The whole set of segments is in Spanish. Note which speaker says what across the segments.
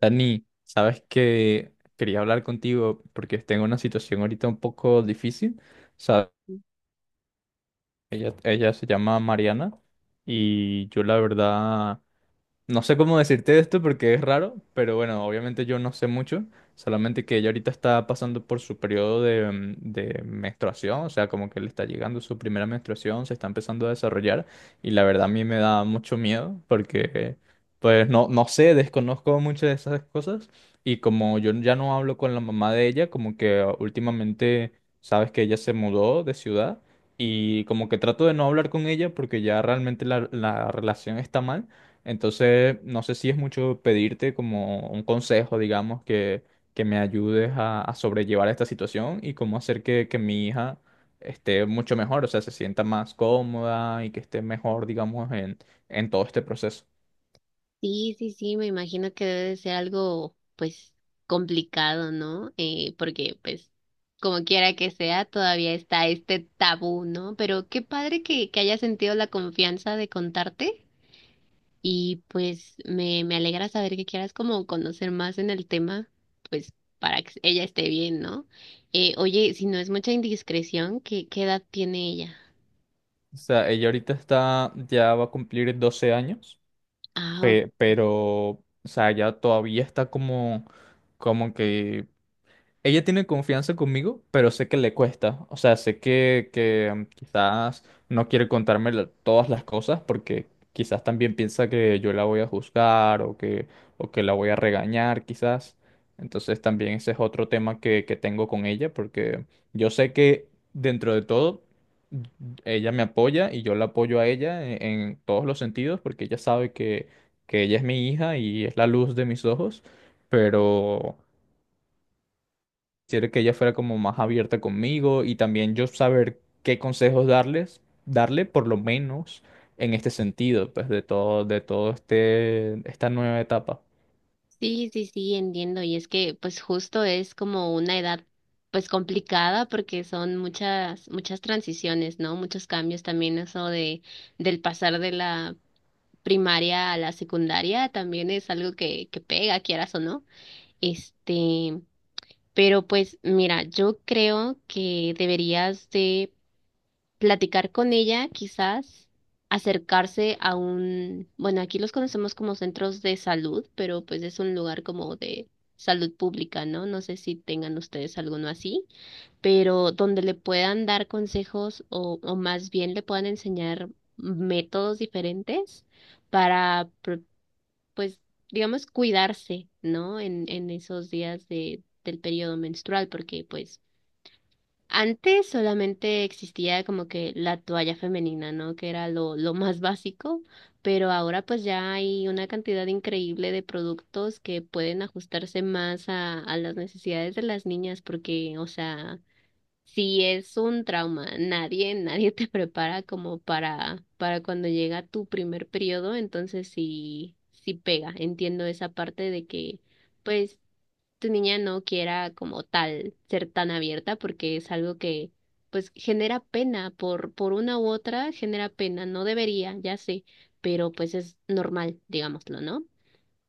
Speaker 1: Dani, sabes que quería hablar contigo porque tengo una situación ahorita un poco difícil. Sa- ella se llama Mariana y yo la verdad no sé cómo decirte esto porque es raro, pero bueno, obviamente yo no sé mucho, solamente que ella ahorita está pasando por su periodo de, de menstruación, o sea, como que le está llegando su primera menstruación, se está empezando a desarrollar y la verdad a mí me da mucho miedo porque pues no, no sé, desconozco muchas de esas cosas. Y como yo ya no hablo con la mamá de ella, como que últimamente sabes que ella se mudó de ciudad y como que trato de no hablar con ella porque ya realmente la relación está mal. Entonces, no sé si es mucho pedirte como un consejo, digamos, que me ayudes a sobrellevar esta situación y cómo hacer que mi hija esté mucho mejor, o sea, se sienta más cómoda y que esté mejor, digamos, en todo este proceso.
Speaker 2: Sí, sí, sí, me imagino que debe de ser algo, pues, complicado, ¿no? Porque, pues, como quiera que sea, todavía está este tabú, ¿no? Pero qué padre que hayas sentido la confianza de contarte y, pues, me alegra saber que quieras como conocer más en el tema, pues, para que ella esté bien, ¿no? Oye, si no es mucha indiscreción, ¿qué edad tiene ella?
Speaker 1: O sea, ella ahorita está, ya va a cumplir 12 años,
Speaker 2: Ah.
Speaker 1: pero, o sea, ya todavía está como, como que ella tiene confianza conmigo, pero sé que le cuesta. O sea, sé que quizás no quiere contarme todas las cosas porque quizás también piensa que yo la voy a juzgar o que la voy a regañar, quizás. Entonces también ese es otro tema que tengo con ella porque yo sé que dentro de todo mm, ella me apoya y yo la apoyo a ella en todos los sentidos porque ella sabe que ella es mi hija y es la luz de mis ojos, pero quisiera que ella fuera como más abierta conmigo y también yo saber qué consejos darles, darle por lo menos en este sentido, pues de todo este, esta nueva etapa.
Speaker 2: Sí, sí, sí, entiendo. Y es que, pues, justo es como una edad, pues, complicada porque son muchas, muchas transiciones, ¿no? Muchos cambios también eso del pasar de la primaria a la secundaria también es algo que pega, quieras o no. Este, pero pues, mira, yo creo que deberías de platicar con ella, quizás acercarse a un, bueno, aquí los conocemos como centros de salud, pero pues es un lugar como de salud pública, ¿no? No sé si tengan ustedes alguno así, pero donde le puedan dar consejos o más bien le puedan enseñar métodos diferentes para, pro- pues, digamos, cuidarse, ¿no? En esos días del periodo menstrual, porque pues antes solamente existía como que la toalla femenina, ¿no? Que era lo más básico, pero ahora pues ya hay una cantidad increíble de productos que pueden ajustarse más a las necesidades de las niñas, porque, o sea, si es un trauma, nadie, nadie te prepara como para cuando llega tu primer periodo, entonces sí, sí pega. Entiendo esa parte de que pues tu niña no quiera como tal ser tan abierta porque es algo que pues genera pena por una u otra, genera pena, no debería, ya sé, pero pues es normal, digámoslo, ¿no?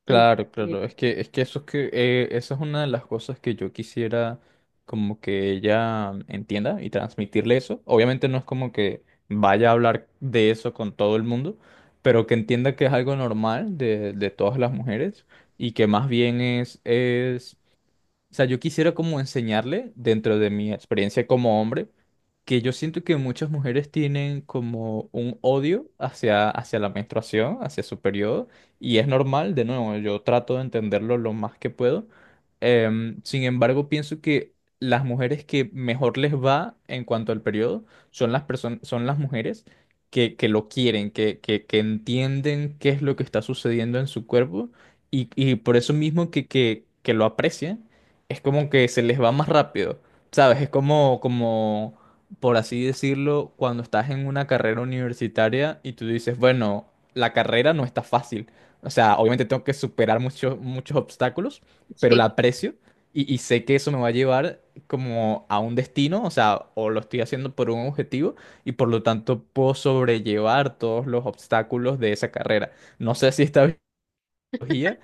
Speaker 1: Claro,
Speaker 2: Entonces,
Speaker 1: claro, es que eso es que, eso es una de las cosas que yo quisiera como que ella entienda y transmitirle eso. Obviamente no es como que vaya a hablar de eso con todo el mundo, pero que entienda que es algo normal de todas las mujeres y que más bien es... O sea, yo quisiera como enseñarle, dentro de mi experiencia como hombre, que yo siento que muchas mujeres tienen como un odio hacia, hacia la menstruación, hacia su periodo, y es normal, de nuevo, yo trato de entenderlo lo más que puedo. Sin embargo, pienso que las mujeres que mejor les va en cuanto al periodo son las personas, son las mujeres que lo quieren, que entienden qué es lo que está sucediendo en su cuerpo y por eso mismo que lo aprecian es como que se les va más rápido, ¿sabes? Es como, como, por así decirlo, cuando estás en una carrera universitaria y tú dices, bueno, la carrera no está fácil. O sea, obviamente tengo que superar muchos, muchos obstáculos, pero la
Speaker 2: sí,
Speaker 1: aprecio y sé que eso me va a llevar como a un destino, o sea, o lo estoy haciendo por un objetivo y por lo tanto puedo sobrellevar todos los obstáculos de esa carrera. No sé si está tecnología,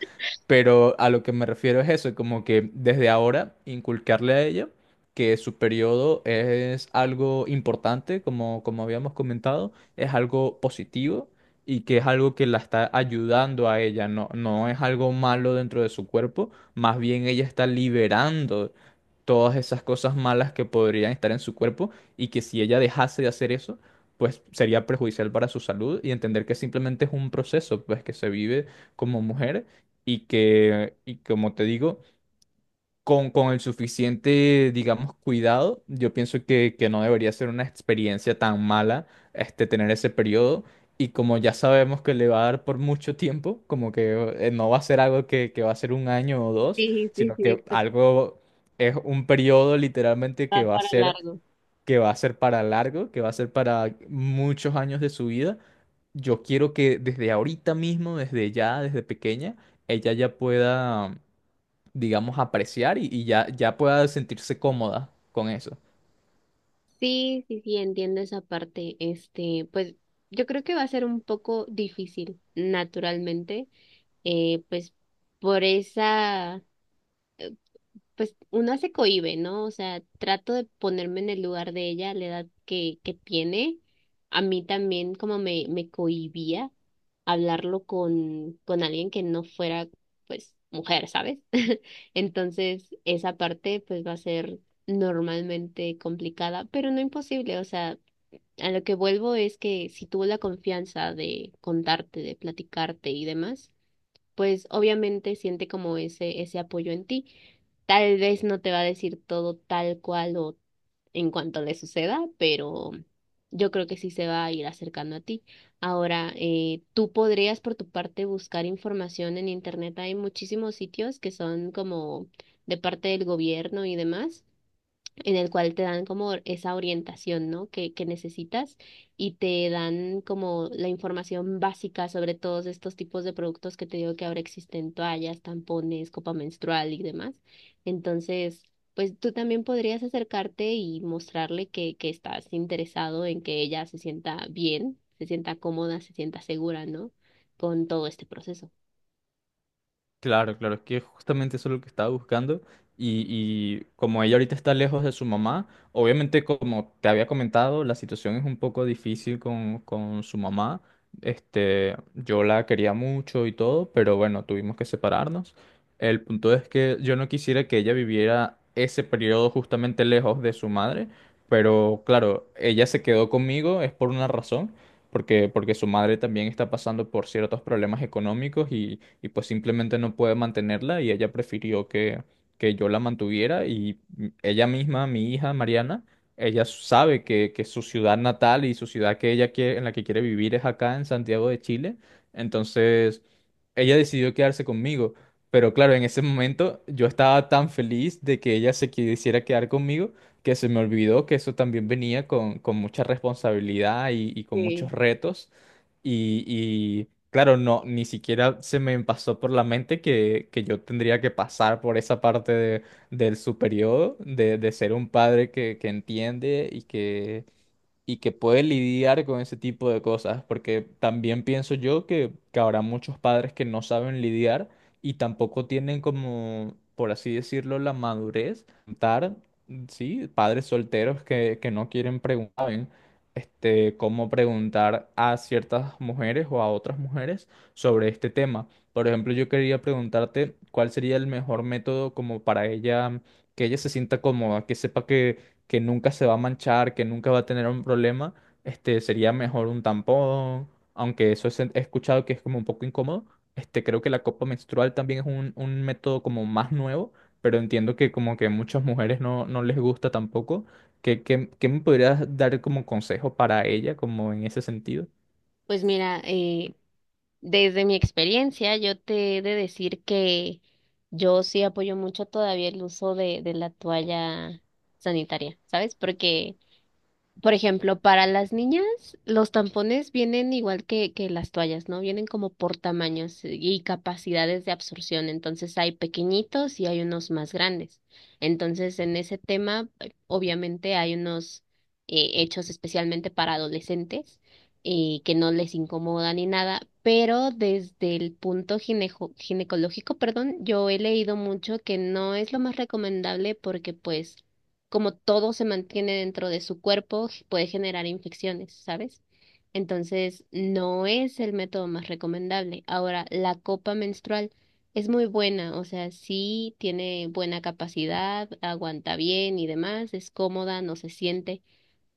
Speaker 1: pero a lo que me refiero es eso, como que desde ahora inculcarle a ella que su periodo es algo importante, como, como habíamos comentado, es algo positivo y que es algo que la está ayudando a ella, no, no es algo malo dentro de su cuerpo, más bien ella está liberando todas esas cosas malas que podrían estar en su cuerpo y que si ella dejase de hacer eso, pues sería perjudicial para su salud, y entender que simplemente es un proceso, pues, que se vive como mujer y que, y como te digo, con el suficiente, digamos, cuidado, yo pienso que no debería ser una experiencia tan mala este, tener ese periodo. Y como ya sabemos que le va a dar por mucho tiempo, como que no va a ser algo que va a ser un año o dos,
Speaker 2: sí, sí,
Speaker 1: sino
Speaker 2: sí,
Speaker 1: que
Speaker 2: exacto,
Speaker 1: algo, es un periodo literalmente que
Speaker 2: va
Speaker 1: va a
Speaker 2: para
Speaker 1: ser,
Speaker 2: largo.
Speaker 1: que va a ser para largo, que va a ser para muchos años de su vida. Yo quiero que desde ahorita mismo, desde ya, desde pequeña, ella ya pueda, digamos, apreciar y ya, ya pueda sentirse cómoda con eso.
Speaker 2: Sí, sí, sí, entiendo esa parte. Pues yo creo que va a ser un poco difícil, naturalmente, pues por esa pues una se cohíbe, ¿no? O sea, trato de ponerme en el lugar de ella, la edad que tiene. A mí también como me cohibía hablarlo con alguien que no fuera, pues, mujer, ¿sabes? Entonces, esa parte, pues, va a ser normalmente complicada, pero no imposible. O sea, a lo que vuelvo es que si tuvo la confianza de contarte, de platicarte y demás pues obviamente siente como ese apoyo en ti. Tal vez no te va a decir todo tal cual o en cuanto le suceda, pero yo creo que sí se va a ir acercando a ti. Ahora, tú podrías por tu parte buscar información en internet. Hay muchísimos sitios que son como de parte del gobierno y demás en el cual te dan como esa orientación, ¿no? Que necesitas y te dan como la información básica sobre todos estos tipos de productos que te digo que ahora existen, toallas, tampones, copa menstrual y demás. Entonces, pues tú también podrías acercarte y mostrarle que estás interesado en que ella se sienta bien, se sienta cómoda, se sienta segura, ¿no? Con todo este proceso.
Speaker 1: Claro, claro, es que justamente eso es lo que estaba buscando. Y como ella ahorita está lejos de su mamá, obviamente como te había comentado, la situación es un poco difícil con su mamá. Este, yo la quería mucho y todo, pero bueno, tuvimos que separarnos. El punto es que yo no quisiera que ella viviera ese periodo justamente lejos de su madre, pero claro, ella se quedó conmigo, es por una razón, porque, porque su madre también está pasando por ciertos problemas económicos y pues simplemente no puede mantenerla y ella prefirió que yo la mantuviera. Y ella misma, mi hija Mariana, ella sabe que su ciudad natal y su ciudad que ella quiere, en la que quiere vivir es acá en Santiago de Chile, entonces ella decidió quedarse conmigo. Pero claro, en ese momento yo estaba tan feliz de que ella se quisiera quedar conmigo que se me olvidó que eso también venía con mucha responsabilidad y con muchos
Speaker 2: Sí.
Speaker 1: retos. Y, claro, no, ni siquiera se me pasó por la mente que yo tendría que pasar por esa del su periodo, de ser un padre que entiende y que puede lidiar con ese tipo de cosas, porque también pienso yo que habrá muchos padres que no saben lidiar y tampoco tienen como, por así decirlo, la madurez, dar, sí, padres solteros que no quieren preguntar, ¿saben? Este, cómo preguntar a ciertas mujeres o a otras mujeres sobre este tema. Por ejemplo, yo quería preguntarte cuál sería el mejor método como para ella, que ella se sienta cómoda, que sepa que nunca se va a manchar, que nunca va a tener un problema, este, sería mejor un tampón, aunque he escuchado que es como un poco incómodo. Este, creo que la copa menstrual también es un método como más nuevo, pero entiendo que como que muchas mujeres no, no les gusta tampoco. ¿Qué, qué, qué me podrías dar como consejo para ella, como en ese sentido?
Speaker 2: Pues mira, desde mi experiencia, yo te he de decir que yo sí apoyo mucho todavía el uso de la toalla sanitaria, ¿sabes? Porque por ejemplo, para las niñas, los tampones vienen igual que las toallas, ¿no? Vienen como por tamaños y capacidades de absorción. Entonces hay pequeñitos y hay unos más grandes. Entonces, en ese tema, obviamente hay unos hechos especialmente para adolescentes, que no les incomoda ni nada, pero desde el punto ginecológico, perdón, yo he leído mucho que no es lo más recomendable porque pues como todo se mantiene dentro de su cuerpo, puede generar infecciones, ¿sabes? Entonces, no es el método más recomendable. Ahora, la copa menstrual es muy buena, o sea, sí tiene buena capacidad, aguanta bien y demás, es cómoda, no se siente.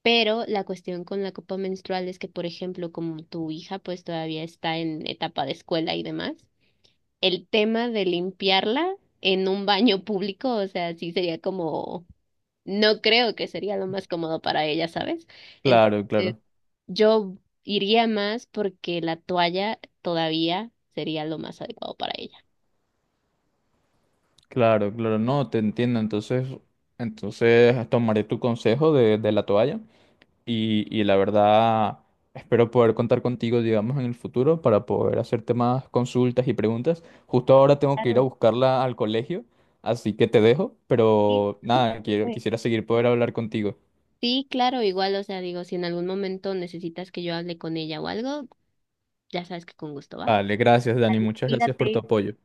Speaker 2: Pero la cuestión con la copa menstrual es que, por ejemplo, como tu hija pues todavía está en etapa de escuela y demás, el tema de limpiarla en un baño público, o sea, sí sería como no creo que sería lo más cómodo para ella, ¿sabes?
Speaker 1: Claro,
Speaker 2: Entonces,
Speaker 1: claro,
Speaker 2: yo iría más porque la toalla todavía sería lo más adecuado para ella.
Speaker 1: claro, claro, no, te entiendo. Entonces, entonces tomaré tu consejo de la toalla. Y, y la verdad espero poder contar contigo, digamos, en el futuro para poder hacerte más consultas y preguntas. Justo ahora tengo que ir a
Speaker 2: Claro,
Speaker 1: buscarla al colegio, así que te dejo,
Speaker 2: sí,
Speaker 1: pero
Speaker 2: no te
Speaker 1: nada, quiero,
Speaker 2: preocupes.
Speaker 1: quisiera seguir poder hablar contigo.
Speaker 2: Sí, claro, igual, o sea, digo, si en algún momento necesitas que yo hable con ella o algo, ya sabes que con gusto va.
Speaker 1: Vale, gracias, Dani,
Speaker 2: Vale,
Speaker 1: muchas gracias por tu
Speaker 2: cuídate.
Speaker 1: apoyo.